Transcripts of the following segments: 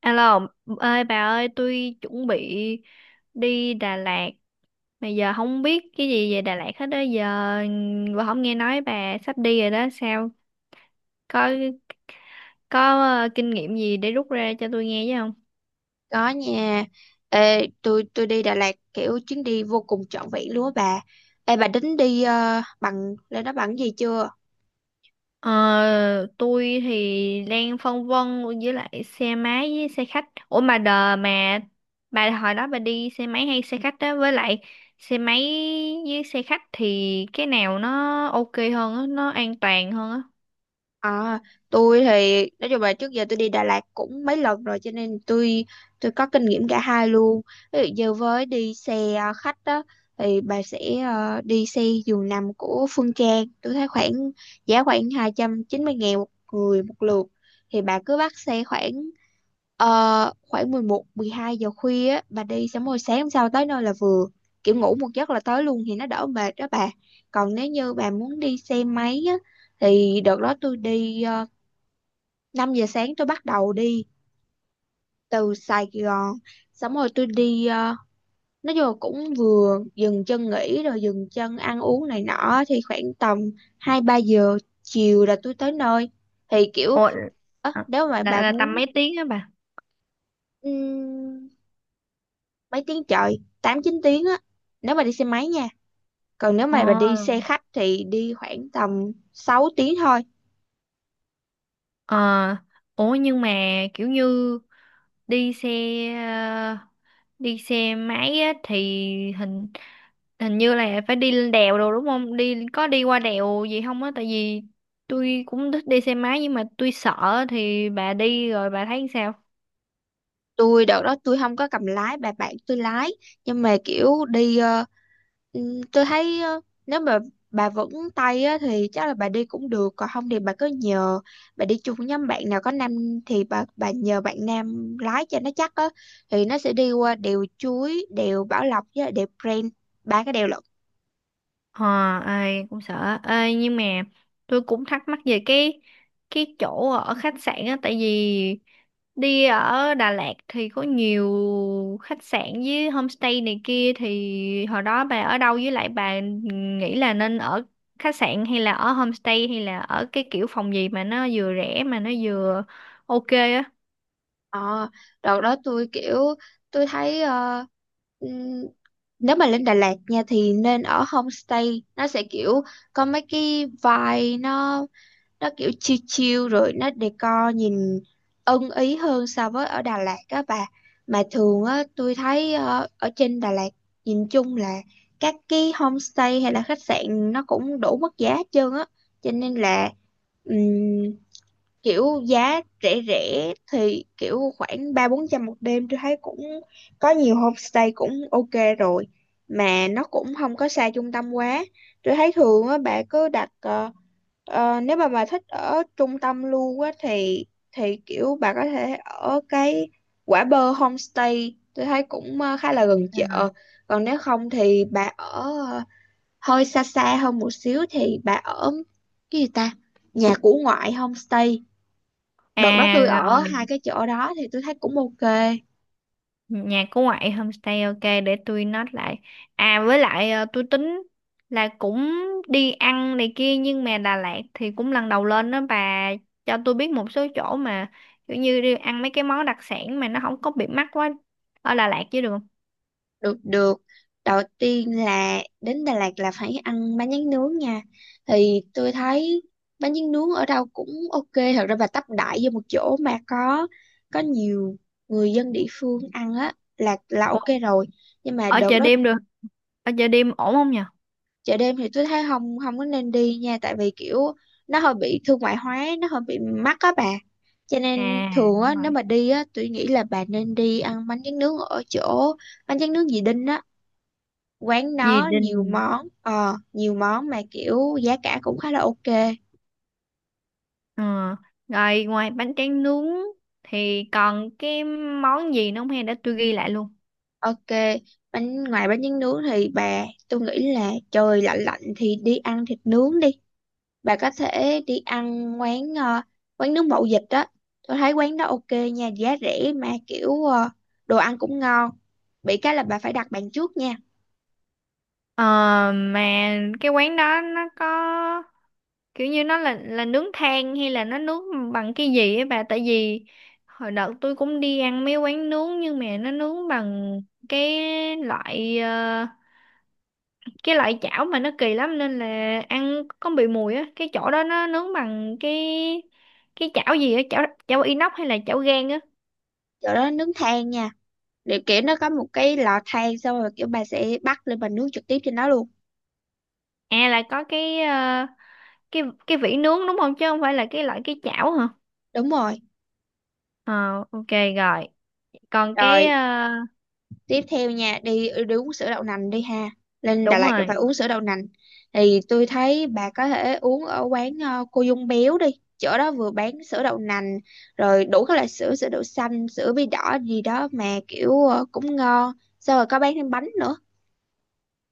Alo, ơi bà ơi, tôi chuẩn bị đi Đà Lạt. Mà giờ không biết cái gì về Đà Lạt hết đó. Giờ bà không nghe nói bà sắp đi rồi đó. Sao? Có có kinh nghiệm gì để rút ra cho tôi nghe chứ không? Có nha. Ê, tôi đi Đà Lạt kiểu chuyến đi vô cùng trọn vẹn luôn á bà. Ê bà tính đi bằng lên đó bằng cái gì chưa? Ờ, tôi thì đang phân vân với lại xe máy với xe khách. Ủa mà đờ mà bà hồi đó bà đi xe máy hay xe khách đó với lại xe máy với xe khách thì cái nào nó ok hơn á, nó an toàn hơn á? À, tôi thì nói chung là trước giờ tôi đi Đà Lạt cũng mấy lần rồi cho nên tôi có kinh nghiệm cả hai luôn. Ví dụ như với đi xe khách đó thì bà sẽ đi xe giường nằm của Phương Trang. Tôi thấy khoảng giá khoảng 290 ngàn một người một lượt. Thì bà cứ bắt xe khoảng khoảng 11 12 giờ khuya á, bà đi xong rồi sáng hôm sau tới nơi là vừa. Kiểu ngủ một giấc là tới luôn thì nó đỡ mệt đó bà. Còn nếu như bà muốn đi xe máy thì đợt đó tôi đi 5 giờ sáng tôi bắt đầu đi từ Sài Gòn xong rồi tôi đi nói chung là cũng vừa dừng chân nghỉ rồi dừng chân ăn uống này nọ thì khoảng tầm 2 3 giờ chiều là tôi tới nơi thì kiểu Ủa, à, nếu mà là, bà là tầm muốn mấy tiếng á bà? ừm, mấy tiếng trời 8 9 tiếng á nếu mà đi xe máy nha còn nếu Ồ, mà bà đi xe khách thì đi khoảng tầm 6 tiếng thôi. ờ, ủa nhưng mà kiểu như đi xe ờ, đi xe máy á thì hình hình như là phải đi lên đèo rồi đúng không? Đi có đi qua đèo gì không á? Tại vì tôi cũng thích đi xe máy nhưng mà tôi sợ thì bà đi rồi bà thấy sao? Đợt đó tôi không có cầm lái, bà bạn tôi lái nhưng mà kiểu đi ừ, tôi thấy nếu mà bà vững tay á, thì chắc là bà đi cũng được còn không thì bà cứ nhờ, bà đi chung với nhóm bạn nào có nam thì bà nhờ bạn nam lái cho nó chắc á, thì nó sẽ đi qua đèo Chuối, đèo Bảo Lộc với lại đèo Prenn, ba cái đèo lận. Ờ, ai cũng sợ. Ê, nhưng mà tôi cũng thắc mắc về cái chỗ ở khách sạn á tại vì đi ở Đà Lạt thì có nhiều khách sạn với homestay này kia thì hồi đó bà ở đâu với lại bà nghĩ là nên ở khách sạn hay là ở homestay hay là ở cái kiểu phòng gì mà nó vừa rẻ mà nó vừa ok á. ờ Đợt đó tôi kiểu tôi thấy ừm, nếu mà lên Đà Lạt nha thì nên ở homestay, nó sẽ kiểu có mấy cái vibe, nó kiểu chill chill rồi nó decor nhìn ưng ý hơn so với ở Đà Lạt á bà. Mà thường á tôi thấy ở trên Đà Lạt nhìn chung là các cái homestay hay là khách sạn nó cũng đủ mức giá hết trơn á, cho nên là kiểu giá rẻ rẻ thì kiểu khoảng ba bốn trăm một đêm tôi thấy cũng có nhiều homestay cũng ok rồi, mà nó cũng không có xa trung tâm quá. Tôi thấy thường á bà cứ đặt nếu mà bà thích ở trung tâm luôn á thì kiểu bà có thể ở cái Quả Bơ homestay, tôi thấy cũng khá là gần chợ. À. Còn nếu không thì bà ở ờ, hơi xa xa hơn một xíu thì bà ở cái gì ta, nhà của ngoại homestay. Đợt đó tôi À ở rồi, hai cái chỗ đó thì tôi thấy cũng ok. nhà của ngoại homestay, ok, để tôi note lại. À với lại tôi tính là cũng đi ăn này kia nhưng mà Đà Lạt thì cũng lần đầu lên đó bà cho tôi biết một số chỗ mà kiểu như đi ăn mấy cái món đặc sản mà nó không có bị mắc quá ở Đà Lạt chứ được không? Được, được, đầu tiên là đến Đà Lạt là phải ăn bánh tráng nướng nha. Thì tôi thấy bánh tráng nướng ở đâu cũng ok, thật ra bà tấp đại vô một chỗ mà có nhiều người dân địa phương ăn á là Ủa, ok rồi. Nhưng mà ở đợt chợ đó đêm được ở chợ đêm ổn không nhờ? chợ đêm thì tôi thấy không, không có nên đi nha tại vì kiểu nó hơi bị thương mại hóa, nó hơi bị mắc á bà. Cho nên À thường á đúng rồi. nếu mà đi á tôi nghĩ là bà nên đi ăn bánh tráng nướng ở chỗ bánh tráng nướng dì Đinh á, quán Gì nó nhiều đình. món nhiều món mà kiểu giá cả cũng khá là ok. ờ Rồi, ngoài bánh tráng nướng thì còn cái món gì nữa không, hay để tôi ghi lại luôn? Ok, bánh ngoài bánh tráng nướng thì bà tôi nghĩ là trời lạnh lạnh thì đi ăn thịt nướng đi. Bà có thể đi ăn quán quán nướng mậu dịch á, tôi thấy quán đó ok nha, giá rẻ mà kiểu đồ ăn cũng ngon, bị cái là bà phải đặt bàn trước nha. Ờ, mà cái quán đó nó có kiểu như nó là nướng than hay là nó nướng bằng cái gì ấy bà, tại vì hồi đợt tôi cũng đi ăn mấy quán nướng nhưng mà nó nướng bằng cái loại ờ, cái loại chảo mà nó kỳ lắm nên là ăn có bị mùi á, cái chỗ đó nó nướng bằng cái chảo gì á, chảo chảo inox hay là chảo gang á? Chỗ đó nướng than nha, để kiểu nó có một cái lò than xong rồi kiểu bà sẽ bắt lên bà nướng trực tiếp trên đó luôn. À là có cái ờ, cái vỉ nướng đúng không, chứ không phải là cái loại cái chảo hả? Đúng rồi. Ờ, ok, rồi còn Rồi tiếp theo nha, đi đi uống sữa đậu nành đi ha, lên Đà đúng Lạt thì phải rồi, uống sữa đậu nành. Thì tôi thấy bà có thể uống ở quán cô Dung Béo đi, chỗ đó vừa bán sữa đậu nành rồi đủ các loại sữa, sữa đậu xanh, sữa bí đỏ gì đó mà kiểu cũng ngon, xong rồi có bán thêm bánh nữa,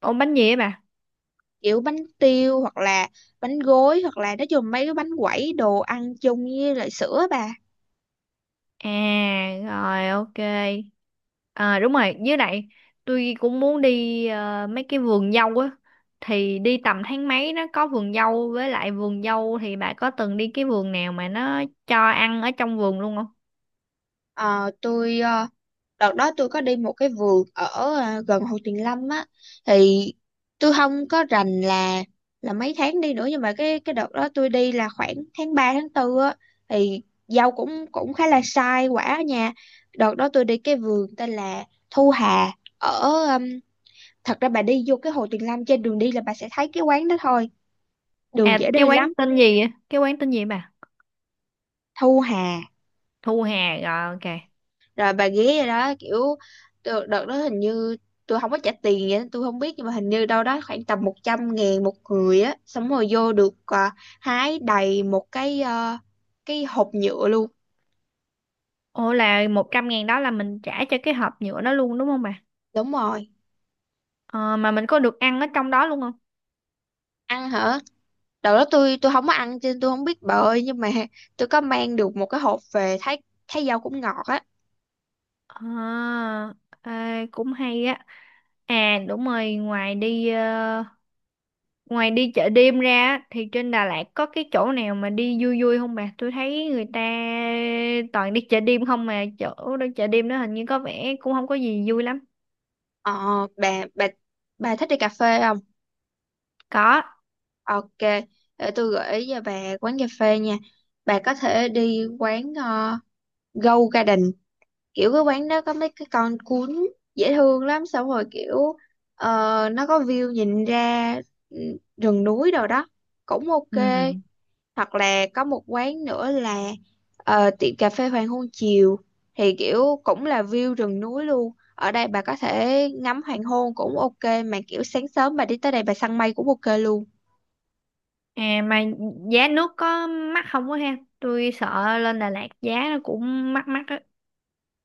ôm bánh gì ấy bà? kiểu bánh tiêu hoặc là bánh gối hoặc là nói chung mấy cái bánh quẩy đồ ăn chung với lại sữa bà. À rồi, ok. À đúng rồi, với lại tôi cũng muốn đi mấy cái vườn dâu á thì đi tầm tháng mấy nó có vườn dâu, với lại vườn dâu thì bà có từng đi cái vườn nào mà nó cho ăn ở trong vườn luôn không? Ờ, tôi đợt đó tôi có đi một cái vườn ở gần Hồ Tuyền Lâm á. Thì tôi không có rành là mấy tháng đi nữa nhưng mà cái đợt đó tôi đi là khoảng tháng 3 tháng tư á. Thì dâu cũng cũng khá là sai quả ở nhà. Đợt đó tôi đi cái vườn tên là Thu Hà, ở um, thật ra bà đi vô cái Hồ Tuyền Lâm, trên đường đi là bà sẽ thấy cái quán đó thôi, đường À, dễ cái đi quán lắm. tên gì á? Cái quán tên gì bà? Thu Hà. Thu Hà, rồi ok. Rồi bà ghé rồi đó kiểu đợt đó hình như tôi không có trả tiền vậy tôi không biết nhưng mà hình như đâu đó khoảng tầm 100 ngàn một người á, xong rồi vô được hái đầy một cái cái hộp nhựa luôn. Ủa là 100.000 đó là mình trả cho cái hộp nhựa đó luôn đúng không bà? Đúng rồi. Ờ, mà mình có được ăn ở trong đó luôn không? Ăn hả? Đầu đó tôi không có ăn cho nên tôi không biết bà ơi, nhưng mà tôi có mang được một cái hộp về thấy thấy rau cũng ngọt á. À, ê, cũng hay á. À đúng rồi, ngoài đi chợ đêm ra á, thì trên Đà Lạt có cái chỗ nào mà đi vui vui không bà? Tôi thấy người ta toàn đi chợ đêm không, mà chỗ đó chợ đêm đó hình như có vẻ cũng không có gì vui lắm. Ờ, bà bà thích đi cà phê không? Có. Ok, để tôi gửi cho bà quán cà phê nha. Bà có thể đi quán Go Garden, kiểu cái quán đó có mấy cái con cún dễ thương lắm, xong rồi kiểu ờ, nó có view nhìn ra ừ, rừng núi đồ đó cũng ok. Ừ. Hoặc là có một quán nữa là tiệm cà phê hoàng hôn chiều, thì kiểu cũng là view rừng núi luôn, ở đây bà có thể ngắm hoàng hôn cũng ok mà kiểu sáng sớm bà đi tới đây bà săn mây cũng ok luôn. À mà giá nước có mắc không quá ha? Tôi sợ lên Đà Lạt giá nó cũng mắc mắc á.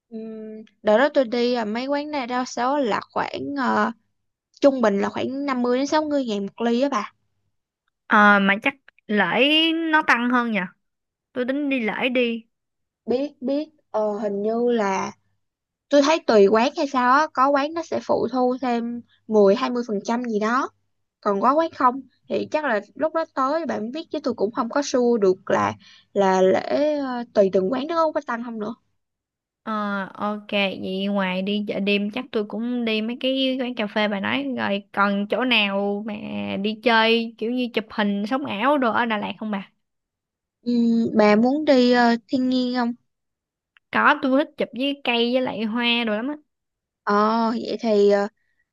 Đợt đó tôi đi mấy quán này đa số là khoảng trung bình là khoảng 50 đến 60 ngàn một ly á bà. Ờ, mà chắc lễ nó tăng hơn nhỉ? Tôi tính đi lễ đi. Biết biết hình như là tôi thấy tùy quán hay sao á, có quán nó sẽ phụ thu thêm mười hai mươi phần trăm gì đó, còn có quán không thì chắc là lúc đó tới bạn biết chứ tôi cũng không có sure được là lễ tùy từng quán nó có tăng không nữa. Ờ, ok vậy ngoài đi chợ đêm chắc tôi cũng đi mấy cái quán cà phê bà nói rồi, còn chỗ nào mà đi chơi kiểu như chụp hình sống ảo đồ ở Đà Lạt không bà? Bà muốn đi thiên nhiên không? Có, tôi thích chụp với cây với lại hoa đồ lắm á. Ờ Vậy thì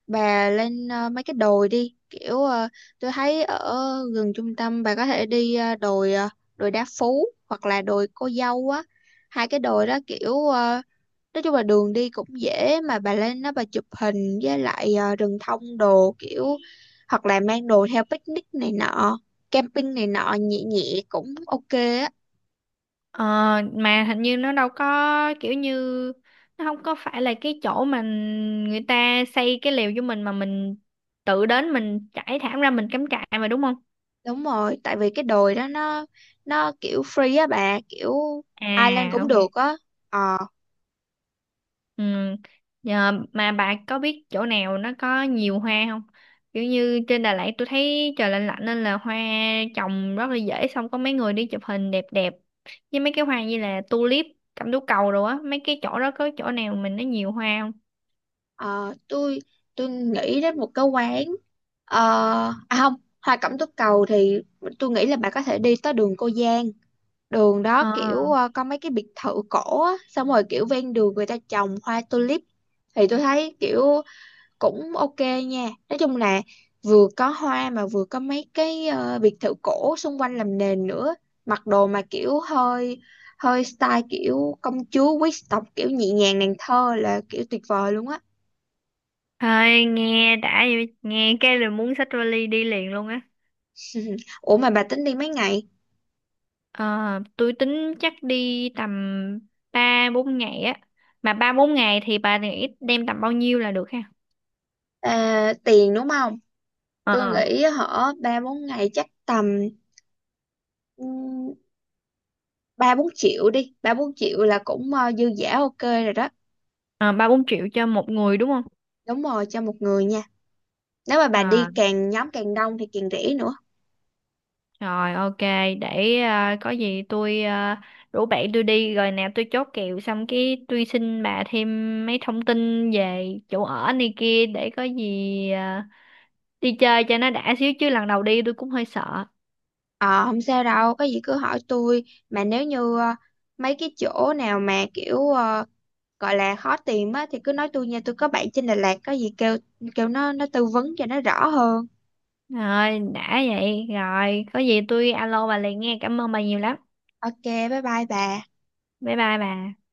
bà lên mấy cái đồi đi kiểu tôi thấy ở gần trung tâm bà có thể đi đồi đồi Đá Phú hoặc là đồi Cô Dâu á, hai cái đồi đó kiểu nói chung là đường đi cũng dễ mà bà lên đó bà chụp hình với lại rừng thông đồ kiểu hoặc là mang đồ theo picnic này nọ, camping này nọ nhẹ nhẹ cũng ok á. ờ, mà hình như nó đâu có kiểu như, nó không có phải là cái chỗ mà người ta xây cái lều cho mình mà mình tự đến mình trải thảm ra mình cắm trại mà đúng không? Đúng rồi, tại vì cái đồi đó nó kiểu free á bà, kiểu ai lên À cũng ok. được á. Ờ. Ừ. Nhờ, mà bà có biết chỗ nào nó có nhiều hoa không? Kiểu như trên Đà Lạt tôi thấy trời lạnh lạnh nên là hoa trồng rất là dễ, xong có mấy người đi chụp hình đẹp đẹp với mấy cái hoa như là tulip, cẩm tú cầu rồi á, mấy cái chỗ đó có chỗ nào mình nó nhiều hoa không? Ờ, tôi nghĩ đến một cái quán ờ, à không, Hoa Cẩm Tú Cầu thì tôi nghĩ là bà có thể đi tới đường Cô Giang, đường đó Ờ. kiểu có mấy cái biệt thự cổ á, xong rồi kiểu ven đường người ta trồng hoa tulip. Thì tôi thấy kiểu cũng ok nha, nói chung là vừa có hoa mà vừa có mấy cái biệt thự cổ xung quanh làm nền nữa, mặc đồ mà kiểu hơi hơi style kiểu công chúa quý tộc kiểu nhẹ nhàng nàng thơ là kiểu tuyệt vời luôn á. Thôi nghe đã vậy, nghe cái là muốn xách vali đi liền luôn á. Ủa mà bà tính đi mấy ngày? Ờ, tôi tính chắc đi tầm 3-4 ngày á. Mà 3-4 ngày thì bà nghĩ đem tầm bao nhiêu là được ha? À, tiền đúng không? Tôi Ờ. nghĩ hở ba bốn ngày chắc tầm ừm, ba bốn triệu đi. Ba bốn triệu là cũng dư dả ok rồi đó. À, 3-4 triệu cho một người đúng không? Đúng rồi, cho một người nha. Nếu mà bà À đi càng nhóm càng đông thì càng rẻ nữa. rồi ok, để à, có gì tôi à, rủ bạn tôi đi rồi nào tôi chốt kèo xong cái tôi xin bà thêm mấy thông tin về chỗ ở này kia để có gì à, đi chơi cho nó đã xíu chứ lần đầu đi tôi cũng hơi sợ. Ờ không sao đâu, có gì cứ hỏi tôi. Mà nếu như mấy cái chỗ nào mà kiểu gọi là khó tìm á thì cứ nói tôi nha. Tôi có bạn trên Đà Lạt, có gì kêu kêu nó tư vấn cho nó rõ hơn. Rồi đã vậy, rồi có gì tôi alo bà liền nghe, cảm ơn bà nhiều lắm. Ok, bye bye bà. Bye bye bà.